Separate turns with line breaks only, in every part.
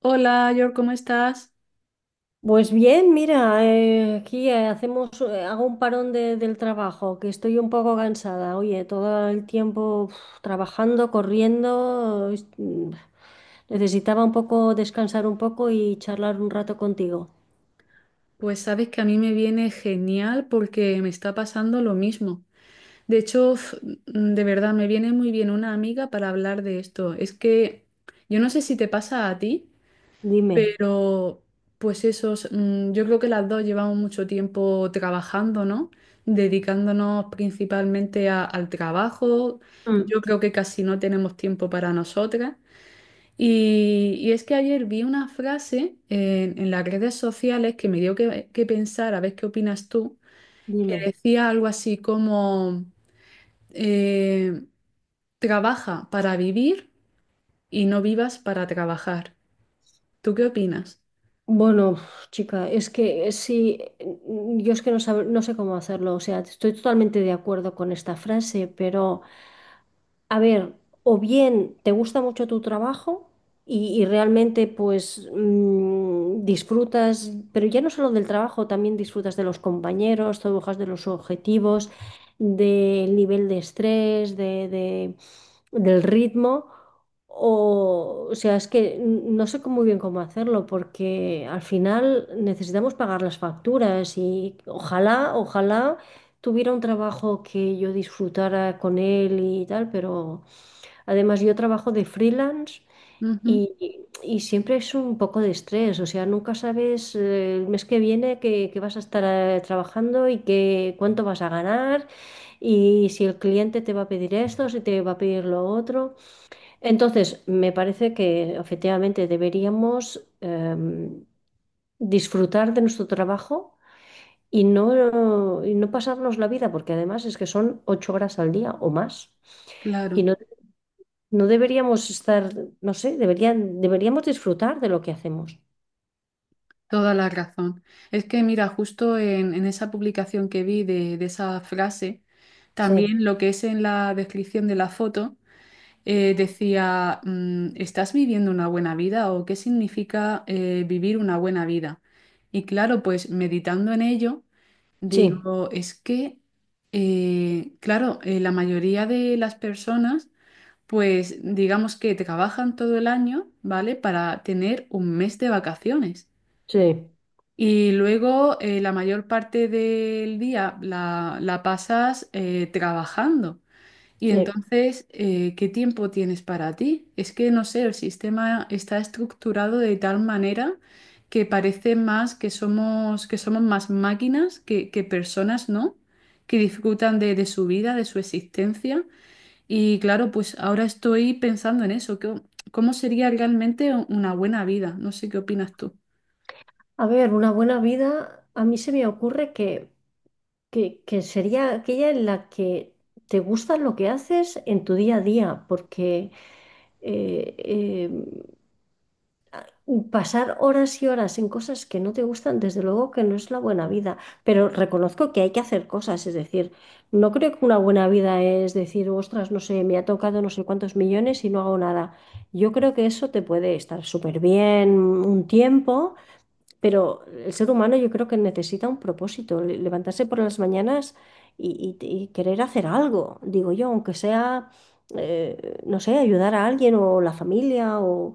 Hola, York, ¿cómo estás?
Pues bien, mira, aquí hago un parón del trabajo, que estoy un poco cansada. Oye, todo el tiempo uf, trabajando, corriendo, necesitaba un poco descansar un poco y charlar un rato contigo.
Pues sabes que a mí me viene genial porque me está pasando lo mismo. De hecho, de verdad, me viene muy bien una amiga para hablar de esto. Es que yo no sé si te pasa a ti,
Dime.
pero pues yo creo que las dos llevamos mucho tiempo trabajando, ¿no? Dedicándonos principalmente al trabajo.
Mm.
Yo creo que casi no tenemos tiempo para nosotras. Y es que ayer vi una frase en las redes sociales que me dio que pensar, a ver qué opinas tú, que
Dime.
decía algo así como, eh, trabaja para vivir y no vivas para trabajar. ¿Tú qué opinas?
Bueno, uf, chica, es que sí, yo es que no sé cómo hacerlo. O sea, estoy totalmente de acuerdo con esta frase, pero a ver, o bien te gusta mucho tu trabajo y, realmente pues disfrutas, pero ya no solo del trabajo, también disfrutas de los compañeros, te bajas de los objetivos, del nivel de estrés, del ritmo. O sea, es que no sé cómo, muy bien cómo hacerlo porque al final necesitamos pagar las facturas y ojalá, ojalá tuviera un trabajo que yo disfrutara con él y tal, pero además yo trabajo de freelance
Ujú,
y, siempre es un poco de estrés, o sea, nunca sabes el mes que viene que vas a estar trabajando y que, cuánto vas a ganar y si el cliente te va a pedir esto, si te va a pedir lo otro. Entonces, me parece que efectivamente deberíamos disfrutar de nuestro trabajo y no pasarnos la vida, porque además es que son ocho horas al día o más. Y
claro,
no, no deberíamos estar, no sé, deberíamos disfrutar de lo que hacemos.
toda la razón. Es que mira, justo en esa publicación que vi de esa frase,
Sí.
también lo que es en la descripción de la foto. Decía, ¿estás viviendo una buena vida o qué significa vivir una buena vida? Y claro, pues meditando en ello,
Sí,
digo, es que, claro, la mayoría de las personas, pues digamos que trabajan todo el año, ¿vale? Para tener un mes de vacaciones.
sí.
Y luego la mayor parte del día la pasas trabajando. Y
Sí.
entonces, ¿qué tiempo tienes para ti? Es que no sé, el sistema está estructurado de tal manera que parece más que somos más máquinas que personas, ¿no? Que disfrutan de su vida, de su existencia. Y claro, pues ahora estoy pensando en eso, ¿cómo sería realmente una buena vida? No sé qué opinas tú.
A ver, una buena vida, a mí se me ocurre que, que sería aquella en la que te gusta lo que haces en tu día a día, porque eh, pasar horas y horas en cosas que no te gustan, desde luego que no es la buena vida, pero reconozco que hay que hacer cosas, es decir, no creo que una buena vida es decir, ostras, no sé, me ha tocado no sé cuántos millones y no hago nada. Yo creo que eso te puede estar súper bien un tiempo, pero el ser humano yo creo que necesita un propósito, levantarse por las mañanas y, y querer hacer algo, digo yo, aunque sea, no sé, ayudar a alguien o la familia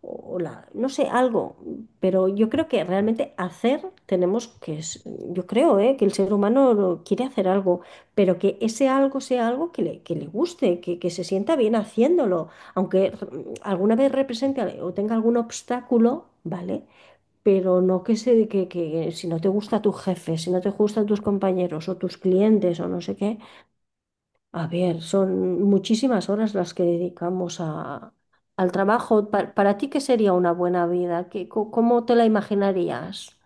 o la, no sé, algo. Pero yo creo que realmente hacer tenemos que, yo creo, que el ser humano quiere hacer algo, pero que ese algo sea algo que le guste, que se sienta bien haciéndolo, aunque alguna vez represente o tenga algún obstáculo, ¿vale? Pero no que se, que si no te gusta tu jefe, si no te gustan tus compañeros o tus clientes o no sé qué, a ver, son muchísimas horas las que dedicamos a, al trabajo. Para ti, ¿qué sería una buena vida? ¿Qué, cómo te la imaginarías?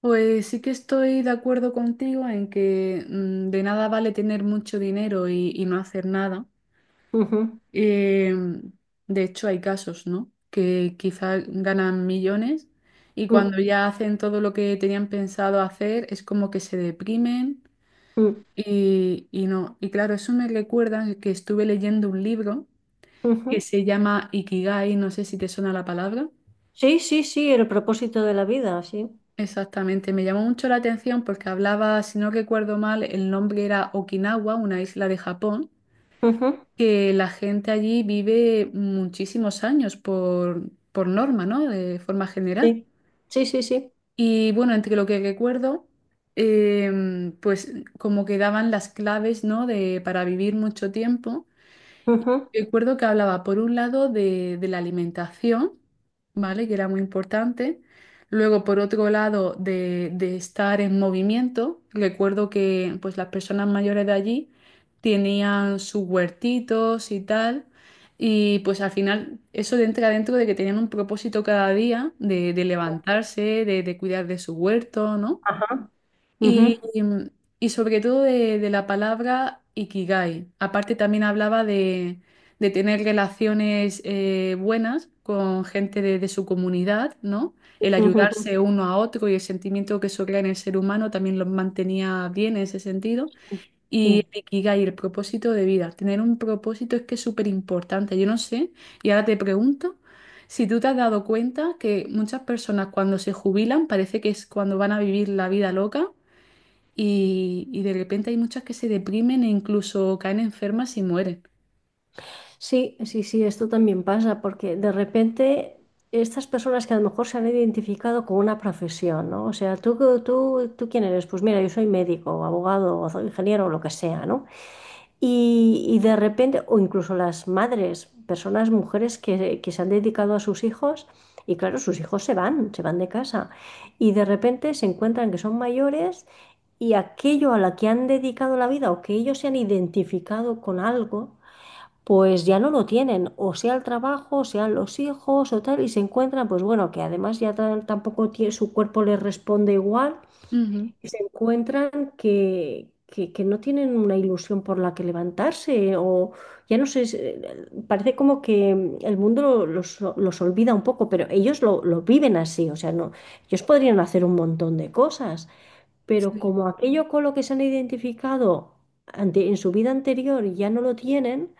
Pues sí que estoy de acuerdo contigo en que de nada vale tener mucho dinero y no hacer nada.
Ujú.
Eh, de hecho, hay casos, ¿no? Que quizás ganan millones y
Mm.
cuando ya hacen todo lo que tenían pensado hacer, es como que se deprimen
Mm.
y no. Y claro, eso me recuerda que estuve leyendo un libro que
Ujú.
se llama Ikigai, no sé si te suena la palabra.
Sí, sí, sí, el propósito de la vida, sí.
Exactamente, me llamó mucho la atención porque hablaba, si no recuerdo mal, el nombre era Okinawa, una isla de Japón,
Ujú.
que la gente allí vive muchísimos años por norma, ¿no? De forma general.
Sí, sí, sí, sí.
Y bueno, entre lo que recuerdo, pues como que daban las claves, ¿no? De, para vivir mucho tiempo.
Ujú.
Recuerdo que hablaba por un lado de la alimentación, ¿vale? Que era muy importante. Luego, por otro lado, de estar en movimiento. Recuerdo que pues, las personas mayores de allí tenían sus huertitos y tal. Y pues al final eso entra dentro de que tenían un propósito cada día de levantarse, de cuidar de su huerto, ¿no?
Ajá.
Y,
Ujú,
mm, y sobre todo de la palabra ikigai. Aparte también hablaba de tener relaciones buenas con gente de su comunidad, ¿no? El
ujú, ujú,
ayudarse uno a otro y el sentimiento que eso crea en el ser humano también lo mantenía bien en ese sentido.
ujú.
Y
Sí.
el ikigai, el propósito de vida. Tener un propósito es que es súper importante. Yo no sé, y ahora te pregunto. Si tú te has dado cuenta que muchas personas cuando se jubilan parece que es cuando van a vivir la vida loca, y de repente hay muchas que se deprimen e incluso caen enfermas y mueren.
Sí, sí, sí, esto también pasa, porque de repente estas personas que a lo mejor se han identificado con una profesión, ¿no? O sea, ¿tú, tú, tú quién eres? Pues mira, yo soy médico, o abogado, o soy ingeniero, o lo que sea, ¿no? Y, de repente, o incluso las madres, personas, mujeres que, se han dedicado a sus hijos, y claro, sus hijos se van de casa, y de repente se encuentran que son mayores y aquello a la que han dedicado la vida o que ellos se han identificado con algo pues ya no lo tienen, o sea el trabajo, o sean los hijos o tal, y se encuentran, pues bueno, que además ya tampoco su cuerpo les responde igual,
Ujú.
y se encuentran que, que no tienen una ilusión por la que levantarse, o ya no sé, parece como que el mundo los, olvida un poco, pero ellos lo, viven así, o sea, no, ellos podrían hacer un montón de cosas, pero
Sí,
como aquello con lo que se han identificado en su vida anterior ya no lo tienen,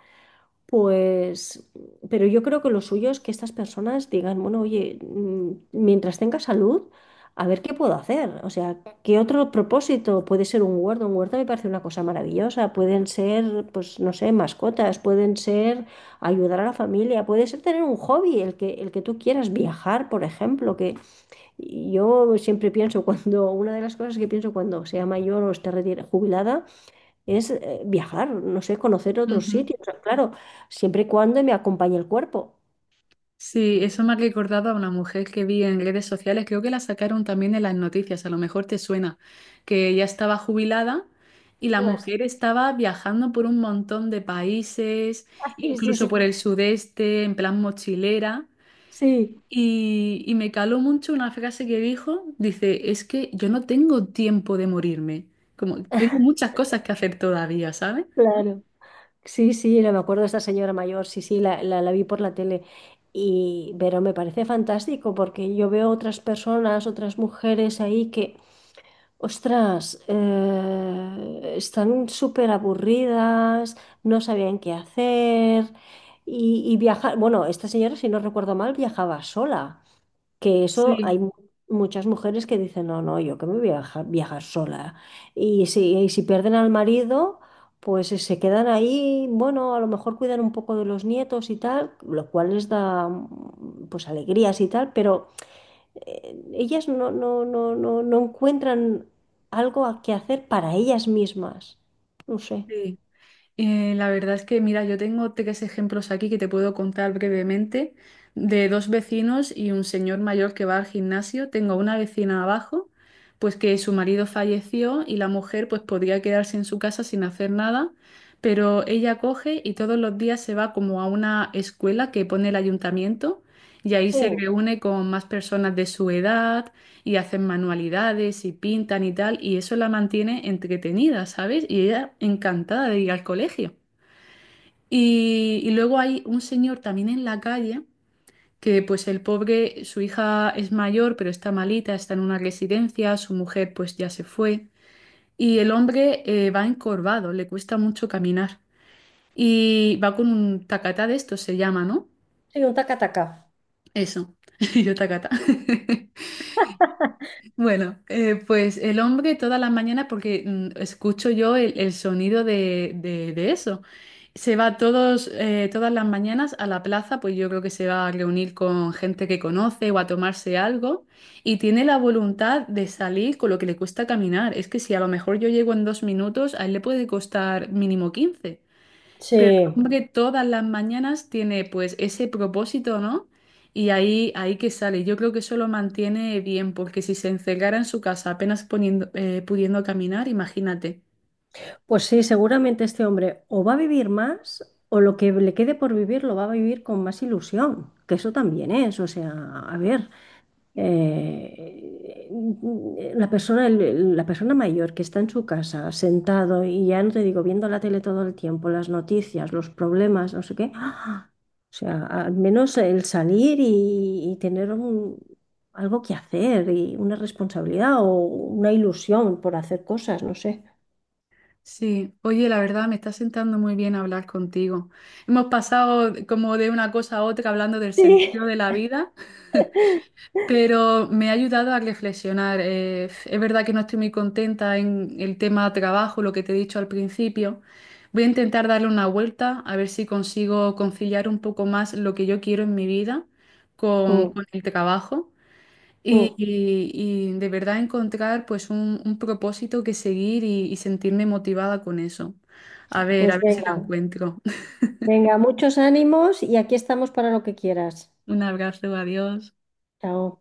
pues, pero yo creo que lo suyo es que estas personas digan, bueno, oye, mientras tenga salud, a ver qué puedo hacer. O sea, ¿qué otro propósito? Puede ser un huerto. Un huerto me parece una cosa maravillosa. Pueden ser, pues, no sé, mascotas, pueden ser ayudar a la familia, puede ser tener un hobby, el que tú quieras, viajar, por ejemplo, que yo siempre pienso cuando, una de las cosas que pienso cuando sea mayor o esté jubilada, es viajar, no sé, conocer otros
ujú.
sitios, claro, siempre y cuando me acompañe el cuerpo.
Sí,
Mm.
eso me ha recordado a una mujer que vi en redes sociales, creo que la sacaron también en las noticias, a lo mejor te suena, que ya estaba jubilada y la
Las-
mujer estaba viajando por un montón de países,
Sí, sí,
incluso
sí,
por el sudeste, en plan mochilera.
sí,
Y me caló mucho una frase que dijo, dice, es que yo no tengo tiempo de morirme, como tengo muchas cosas que hacer todavía, ¿sabes?
claro. Sí, sí, no me acuerdo de esta señora mayor, sí, sí, la, la vi por la tele. Y, pero me parece fantástico porque yo veo otras personas, otras mujeres ahí que, ostras, están súper aburridas, no sabían qué hacer y, viajar. Bueno, esta señora, si no recuerdo mal, viajaba sola. Que eso
Sí.
hay muchas mujeres que dicen, no, no, yo que me voy a viajar, viajar sola. Y si pierden al marido, pues se quedan ahí, bueno, a lo mejor cuidan un poco de los nietos y tal, lo cual les da pues alegrías y tal, pero ellas no, no, no, no, no encuentran algo a que hacer para ellas mismas. No sé.
Sí. La verdad es que, mira, yo tengo tres ejemplos aquí que te puedo contar brevemente de dos vecinos y un señor mayor que va al gimnasio. Tengo una vecina abajo, pues que su marido falleció y la mujer pues podría quedarse en su casa sin hacer nada, pero ella coge y todos los días se va como a una escuela que pone el ayuntamiento y ahí se
Sí,
reúne con más personas de su edad y hacen manualidades y pintan y tal, y eso la mantiene entretenida, ¿sabes? Y ella encantada de ir al colegio. Y luego hay un señor también en la calle que pues el pobre, su hija es mayor, pero está malita, está en una residencia, su mujer pues ya se fue, y el hombre va encorvado, le cuesta mucho caminar, y va con un tacatá de estos, se llama, ¿no?
sí, un taca-taca.
Eso, yo tacatá. Bueno, pues el hombre toda la mañana, porque escucho yo el sonido de eso. Se va todas las mañanas a la plaza, pues yo creo que se va a reunir con gente que conoce o a tomarse algo y tiene la voluntad de salir con lo que le cuesta caminar. Es que si a lo mejor yo llego en 2 minutos, a él le puede costar mínimo 15. Pero el
Sí.
hombre todas las mañanas tiene pues ese propósito, ¿no? Y ahí, ahí que sale. Yo creo que eso lo mantiene bien, porque si se encerrara en su casa apenas poniendo, pudiendo caminar, imagínate.
Pues sí, seguramente este hombre o va a vivir más o lo que le quede por vivir lo va a vivir con más ilusión, que eso también es, o sea, a ver, eh, la persona, la persona mayor que está en su casa sentado y ya no te digo, viendo la tele todo el tiempo, las noticias, los problemas, no sé qué, ¡ah! O sea, al menos el salir y tener un, algo que hacer y una responsabilidad o una ilusión por hacer cosas, no sé.
Sí, oye, la verdad me está sentando muy bien hablar contigo. Hemos pasado como de una cosa a otra hablando del
Sí.
sentido de la vida. Pero me ha ayudado a reflexionar. Es verdad que no estoy muy contenta en el tema trabajo, lo que te he dicho al principio. Voy a intentar darle una vuelta, a ver si consigo conciliar un poco más lo que yo quiero en mi vida con,
Mm.
con el trabajo y,
Mm.
y- y de verdad encontrar pues un propósito que seguir y sentirme motivada con eso. A
Pues
ver si lo
venga,
encuentro.
venga, muchos ánimos y aquí estamos para lo que quieras.
Un abrazo, adiós.
Chao.